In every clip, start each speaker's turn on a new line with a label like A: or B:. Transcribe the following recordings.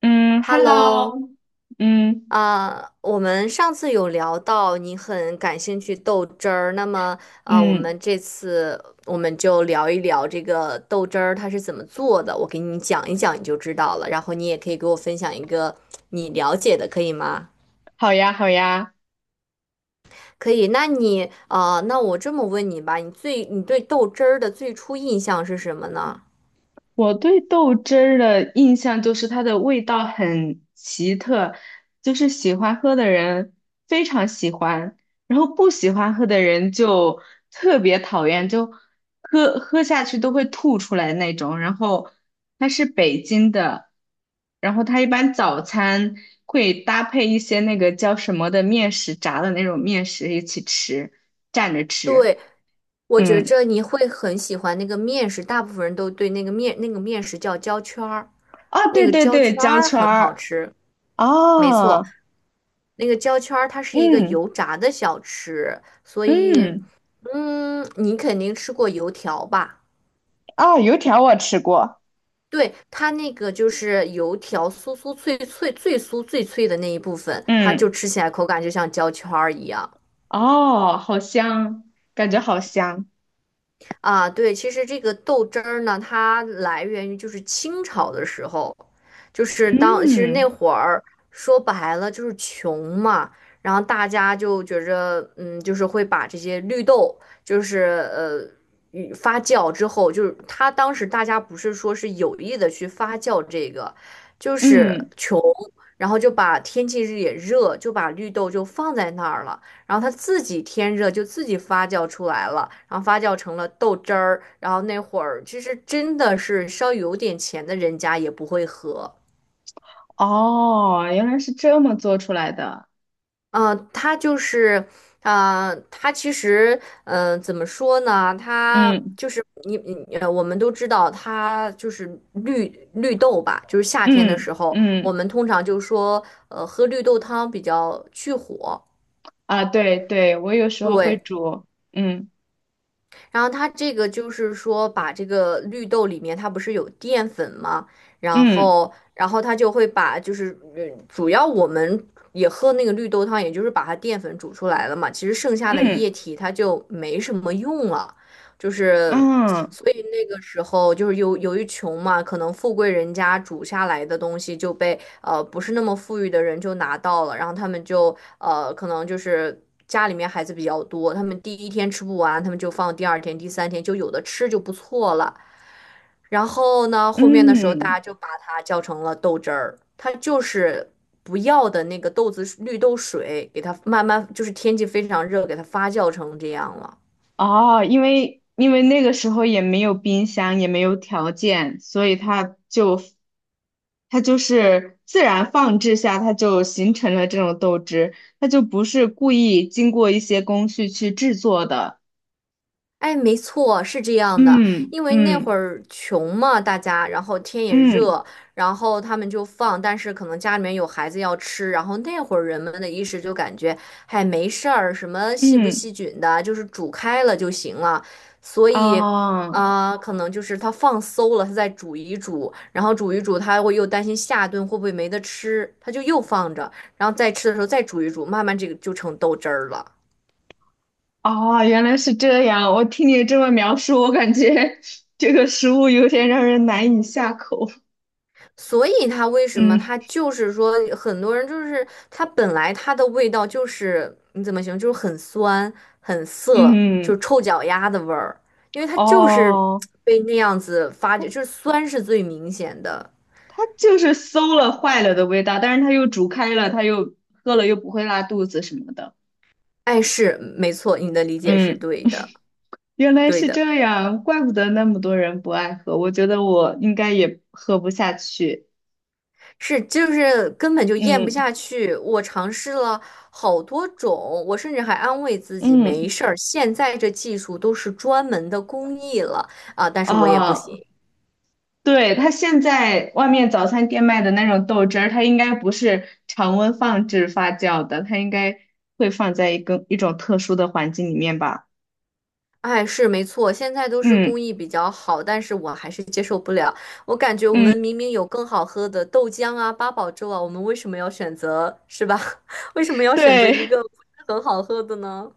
A: 嗯
B: Hello。
A: ，Hello。嗯
B: 我们上次有聊到你很感兴趣豆汁儿，那么
A: 嗯。
B: 我们就聊一聊这个豆汁儿它是怎么做的，我给你讲一讲你就知道了，然后你也可以给我分享一个你了解的，可以吗？
A: 好呀好呀。
B: 可以。那你啊、那我这么问你吧，你对豆汁儿的最初印象是什么呢？
A: 我对豆汁儿的印象就是它的味道很奇特，就是喜欢喝的人非常喜欢，然后不喜欢喝的人就特别讨厌，就喝下去都会吐出来那种。然后它是北京的，然后它一般早餐会搭配一些那个叫什么的面食，炸的那种面食一起吃，蘸着吃。
B: 对，我觉
A: 嗯。
B: 着你会很喜欢那个面食，大部分人都对那个面食叫焦圈儿，
A: 啊，
B: 那
A: 对
B: 个
A: 对
B: 焦
A: 对，
B: 圈
A: 焦
B: 儿
A: 圈
B: 很好
A: 儿
B: 吃。没
A: 啊。
B: 错，那个焦圈儿它是一个
A: 嗯
B: 油炸的小吃，所以
A: 嗯。
B: 嗯，你肯定吃过油条吧？
A: 啊，油条我吃过。
B: 对，它那个就是油条酥酥脆脆最酥最脆的那一部分，它就
A: 嗯。
B: 吃起来口感就像焦圈儿一样。
A: 哦，好香，感觉好香。
B: 啊，对，其实这个豆汁儿呢，它来源于就是清朝的时候，就是当其实那
A: 嗯
B: 会儿说白了就是穷嘛，然后大家就觉着，嗯，就是会把这些绿豆，就是呃与发酵之后，就是它当时大家不是说是有意的去发酵这个，就是
A: 嗯。
B: 穷，然后就把天气也热，就把绿豆就放在那儿了。然后它自己天热就自己发酵出来了，然后发酵成了豆汁儿。然后那会儿其实真的是稍微有点钱的人家也不会喝。
A: 哦，原来是这么做出来的。
B: 嗯、它就是，啊、它其实，怎么说呢？它
A: 嗯
B: 就是你你呃，我们都知道它就是绿绿豆吧，就是夏天的
A: 嗯
B: 时候，我
A: 嗯。
B: 们通常就说，喝绿豆汤比较去火。
A: 啊，对对，我有时候会
B: 对，
A: 煮。嗯
B: 然后它这个就是说，把这个绿豆里面它不是有淀粉吗？然
A: 嗯
B: 后，然后它就会把就是主要我们也喝那个绿豆汤，也就是把它淀粉煮出来了嘛。其实剩下的液
A: 嗯
B: 体它就没什么用了，就是
A: 嗯
B: 所以那个时候就是由于穷嘛，可能富贵人家煮下来的东西就被。不是那么富裕的人就拿到了，然后他们就可能就是家里面孩子比较多，他们第一天吃不完，他们就放第二天、第三天，就有的吃就不错了。然后呢，后面的时候大
A: 嗯。
B: 家就把它叫成了豆汁儿，它就是不要的那个豆子绿豆水，给它慢慢就是天气非常热，给它发酵成这样了。
A: 哦，因为那个时候也没有冰箱，也没有条件，所以它就是自然放置下，它就形成了这种豆汁，它就不是故意经过一些工序去制作的。
B: 哎，没错，是这样的，
A: 嗯
B: 因为那
A: 嗯
B: 会儿穷嘛，大家，然后天也
A: 嗯
B: 热，然后他们就放，但是可能家里面有孩子要吃，然后那会儿人们的意识就感觉，嗨，没事儿，什么细不
A: 嗯。
B: 细菌的，就是煮开了就行了，所以，
A: 哦
B: 可能就是他放馊了，他再煮一煮，然后煮一煮，他会又担心下顿会不会没得吃，他就又放着，然后再吃的时候再煮一煮，慢慢这个就成豆汁儿了。
A: 哦，原来是这样。我听你这么描述，我感觉这个食物有点让人难以下口。
B: 所以它为什么
A: 嗯
B: 它就是说很多人就是它本来它的味道就是你怎么形容，就是很酸很涩，就是
A: 嗯。
B: 臭脚丫的味儿，因为它就是
A: 哦。
B: 被那样子发酵，就是酸是最明显的。
A: 它就是馊了坏了的味道，但是它又煮开了，它又喝了又不会拉肚子什么的。
B: 哎，是没错，你的理解是
A: 嗯，
B: 对的，
A: 原来
B: 对
A: 是
B: 的，
A: 这样，怪不得那么多人不爱喝。我觉得我应该也喝不下去。
B: 是就是根本就咽不
A: 嗯
B: 下去。我尝试了好多种，我甚至还安慰自己没
A: 嗯。
B: 事儿，现在这技术都是专门的工艺了啊，但是我也不
A: 哦，
B: 行。
A: 对，它现在外面早餐店卖的那种豆汁儿，它应该不是常温放置发酵的，它应该会放在一种特殊的环境里面吧。
B: 哎，是没错，现在都是
A: 嗯
B: 工艺比较好，但是我还是接受不了。我感觉我
A: 嗯。
B: 们明明有更好喝的豆浆啊、八宝粥啊，我们为什么要选择，是吧？为什么要选择一
A: 对。
B: 个不是很好喝的呢？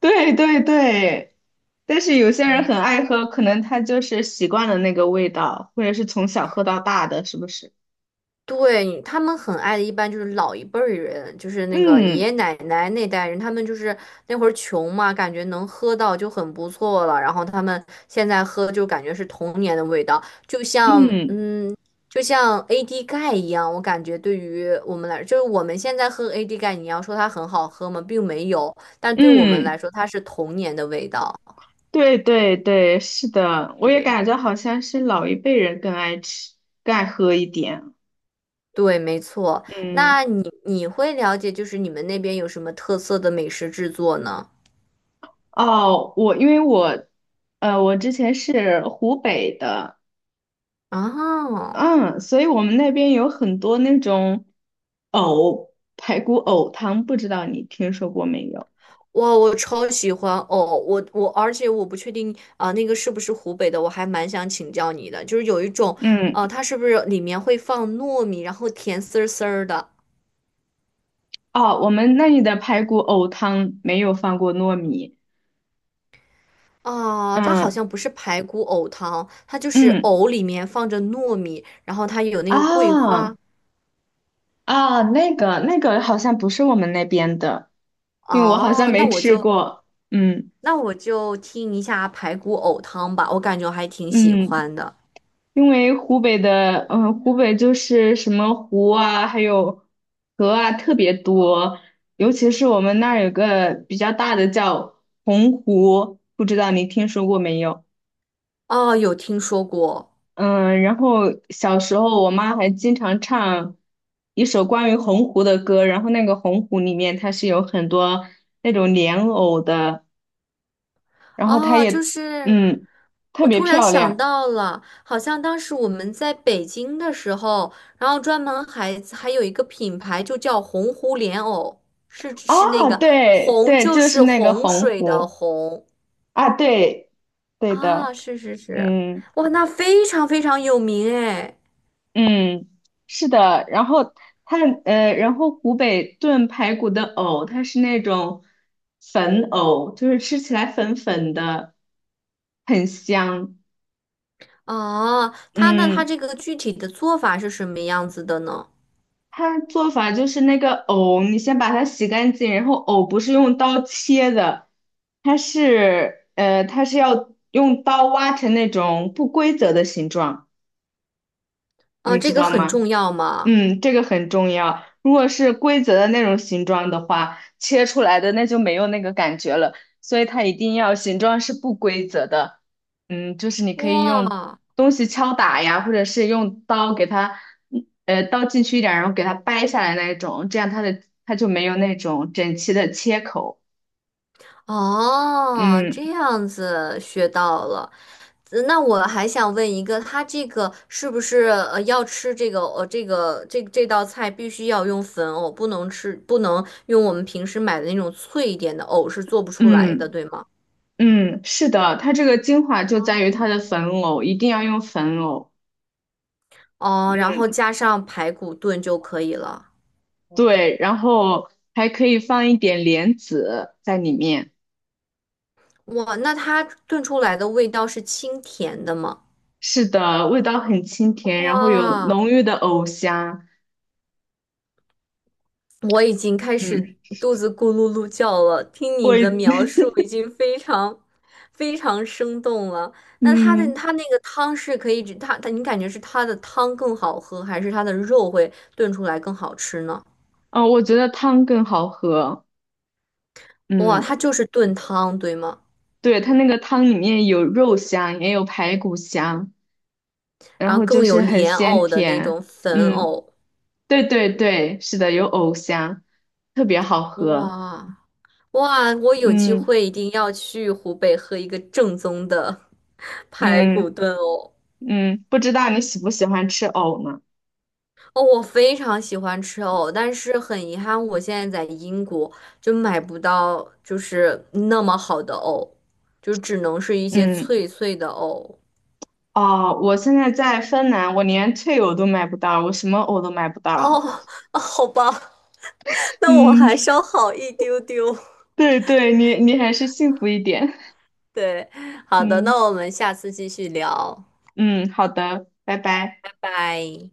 A: 对对对，但是有些人很爱喝，可能他就是习惯了那个味道，或者是从小喝到大的，是不是？
B: 对，他们很爱的，一般就是老一辈儿人，就是那个爷
A: 嗯
B: 爷奶奶那代人，他们就是那会儿穷嘛，感觉能喝到就很不错了。然后他们现在喝就感觉是童年的味道，就像
A: 嗯
B: 就像 AD 钙一样，我感觉对于我们来，就是我们现在喝 AD 钙，你要说它很好喝吗？并没有，但对我们来
A: 嗯。
B: 说，它是童年的味道，
A: 对对对，是的，
B: 是
A: 我
B: 这
A: 也感
B: 样。
A: 觉好像是老一辈人更爱吃、更爱喝一点。
B: 对，没错。
A: 嗯。
B: 那你会了解，就是你们那边有什么特色的美食制作呢？
A: 哦，我因为我，呃，我之前是湖北的。
B: 啊，
A: 嗯，所以我们那边有很多那种排骨藕汤，不知道你听说过没有？
B: 哇，我超喜欢哦！而且我不确定那个是不是湖北的？我还蛮想请教你的，就是有一种，
A: 嗯。
B: 它是不是里面会放糯米，然后甜丝儿丝儿的？
A: 哦，我们那里的排骨藕汤没有放过糯米。
B: 啊，它好
A: 嗯
B: 像不是排骨藕汤，它就是
A: 嗯
B: 藕里面放着糯米，然后它有那个桂
A: 啊
B: 花。
A: 啊，那个好像不是我们那边的，因为我好像
B: 哦，那
A: 没
B: 我
A: 吃
B: 就
A: 过。嗯
B: 那我就听一下排骨藕汤吧，我感觉我还挺喜
A: 嗯，
B: 欢的。
A: 因为湖北的嗯湖北就是什么湖啊，还有河啊特别多，尤其是我们那儿有个比较大的叫洪湖，不知道你听说过没有？
B: 哦，有听说过。
A: 嗯，然后小时候我妈还经常唱一首关于鸿湖的歌，然后那个鸿湖里面它是有很多那种莲藕的，然后它
B: 哦，就
A: 也
B: 是
A: 嗯特
B: 我
A: 别
B: 突然
A: 漂
B: 想
A: 亮。
B: 到了，好像当时我们在北京的时候，然后专门还有一个品牌就叫洪湖莲藕，是是那
A: 啊，
B: 个
A: 对
B: 洪
A: 对，
B: 就
A: 就是
B: 是
A: 那个
B: 洪
A: 鸿
B: 水的
A: 湖。
B: 洪。
A: 啊，对。对
B: 啊，
A: 的。
B: 是是是，
A: 嗯。
B: 哇，那非常非常有名哎。
A: 嗯，是的，然后它呃，然后湖北炖排骨的藕，它是那种粉藕，就是吃起来粉粉的，很香。
B: 哦，他那他
A: 嗯，
B: 这个具体的做法是什么样子的呢？
A: 它做法就是那个藕，你先把它洗干净，然后藕不是用刀切的，它是要用刀挖成那种不规则的形状，
B: 啊，
A: 你知
B: 这个
A: 道
B: 很
A: 吗？
B: 重要吗？
A: 嗯，这个很重要。如果是规则的那种形状的话，切出来的那就没有那个感觉了，所以它一定要形状是不规则的。嗯，就是你可以用
B: 哇，
A: 东西敲打呀，或者是用刀给它，刀进去一点儿然后给它掰下来那种，这样它就没有那种整齐的切口。
B: 哦，
A: 嗯
B: 这样子学到了。那我还想问一个，他这个是不是要吃这个这道菜必须要用粉藕，不能吃不能用我们平时买的那种脆一点的藕是做不出来的，
A: 嗯
B: 对吗？
A: 嗯，是的，它这个精华就在于它的粉藕，一定要用粉藕。
B: 哦，然后加上排骨炖就可以了。
A: 对，然后还可以放一点莲子在里面。
B: 哇，那它炖出来的味道是清甜的吗？
A: 是的，味道很清甜，然后有
B: 哇，
A: 浓郁的藕香。
B: 我已经开始
A: 嗯，
B: 肚子咕噜噜叫了，听
A: 我，
B: 你的描 述已经非常非常生动了。那它的
A: 嗯，
B: 它那个汤是可以只，它你感觉是它的汤更好喝，还是它的肉会炖出来更好吃呢？
A: 哦，我觉得汤更好喝。
B: 哇，
A: 嗯，
B: 它就是炖汤，对吗？
A: 对，它那个汤里面有肉香，也有排骨香，然
B: 然后
A: 后就
B: 更有
A: 是很
B: 莲
A: 鲜
B: 藕的那
A: 甜。
B: 种粉
A: 嗯，
B: 藕，
A: 对对对，是的，有藕香，特别好喝。
B: 哇。哇，我有机
A: 嗯
B: 会一定要去湖北喝一个正宗的 排
A: 嗯
B: 骨炖藕。
A: 嗯，不知道你喜不喜欢吃藕呢？
B: 哦，我非常喜欢吃藕，但是很遗憾，我现在在英国就买不到，就是那么好的藕，就只能是一些
A: 嗯。
B: 脆脆的藕。
A: 哦，我现在在芬兰，我连退藕都买不到，我什么藕都买不
B: 哦，
A: 到。
B: 好吧，那我
A: 嗯，
B: 还稍好一丢丢。
A: 对对，你还是幸福一点。
B: 对，好的，那
A: 嗯
B: 我们下次继续聊，
A: 嗯，好的，拜拜。
B: 拜拜。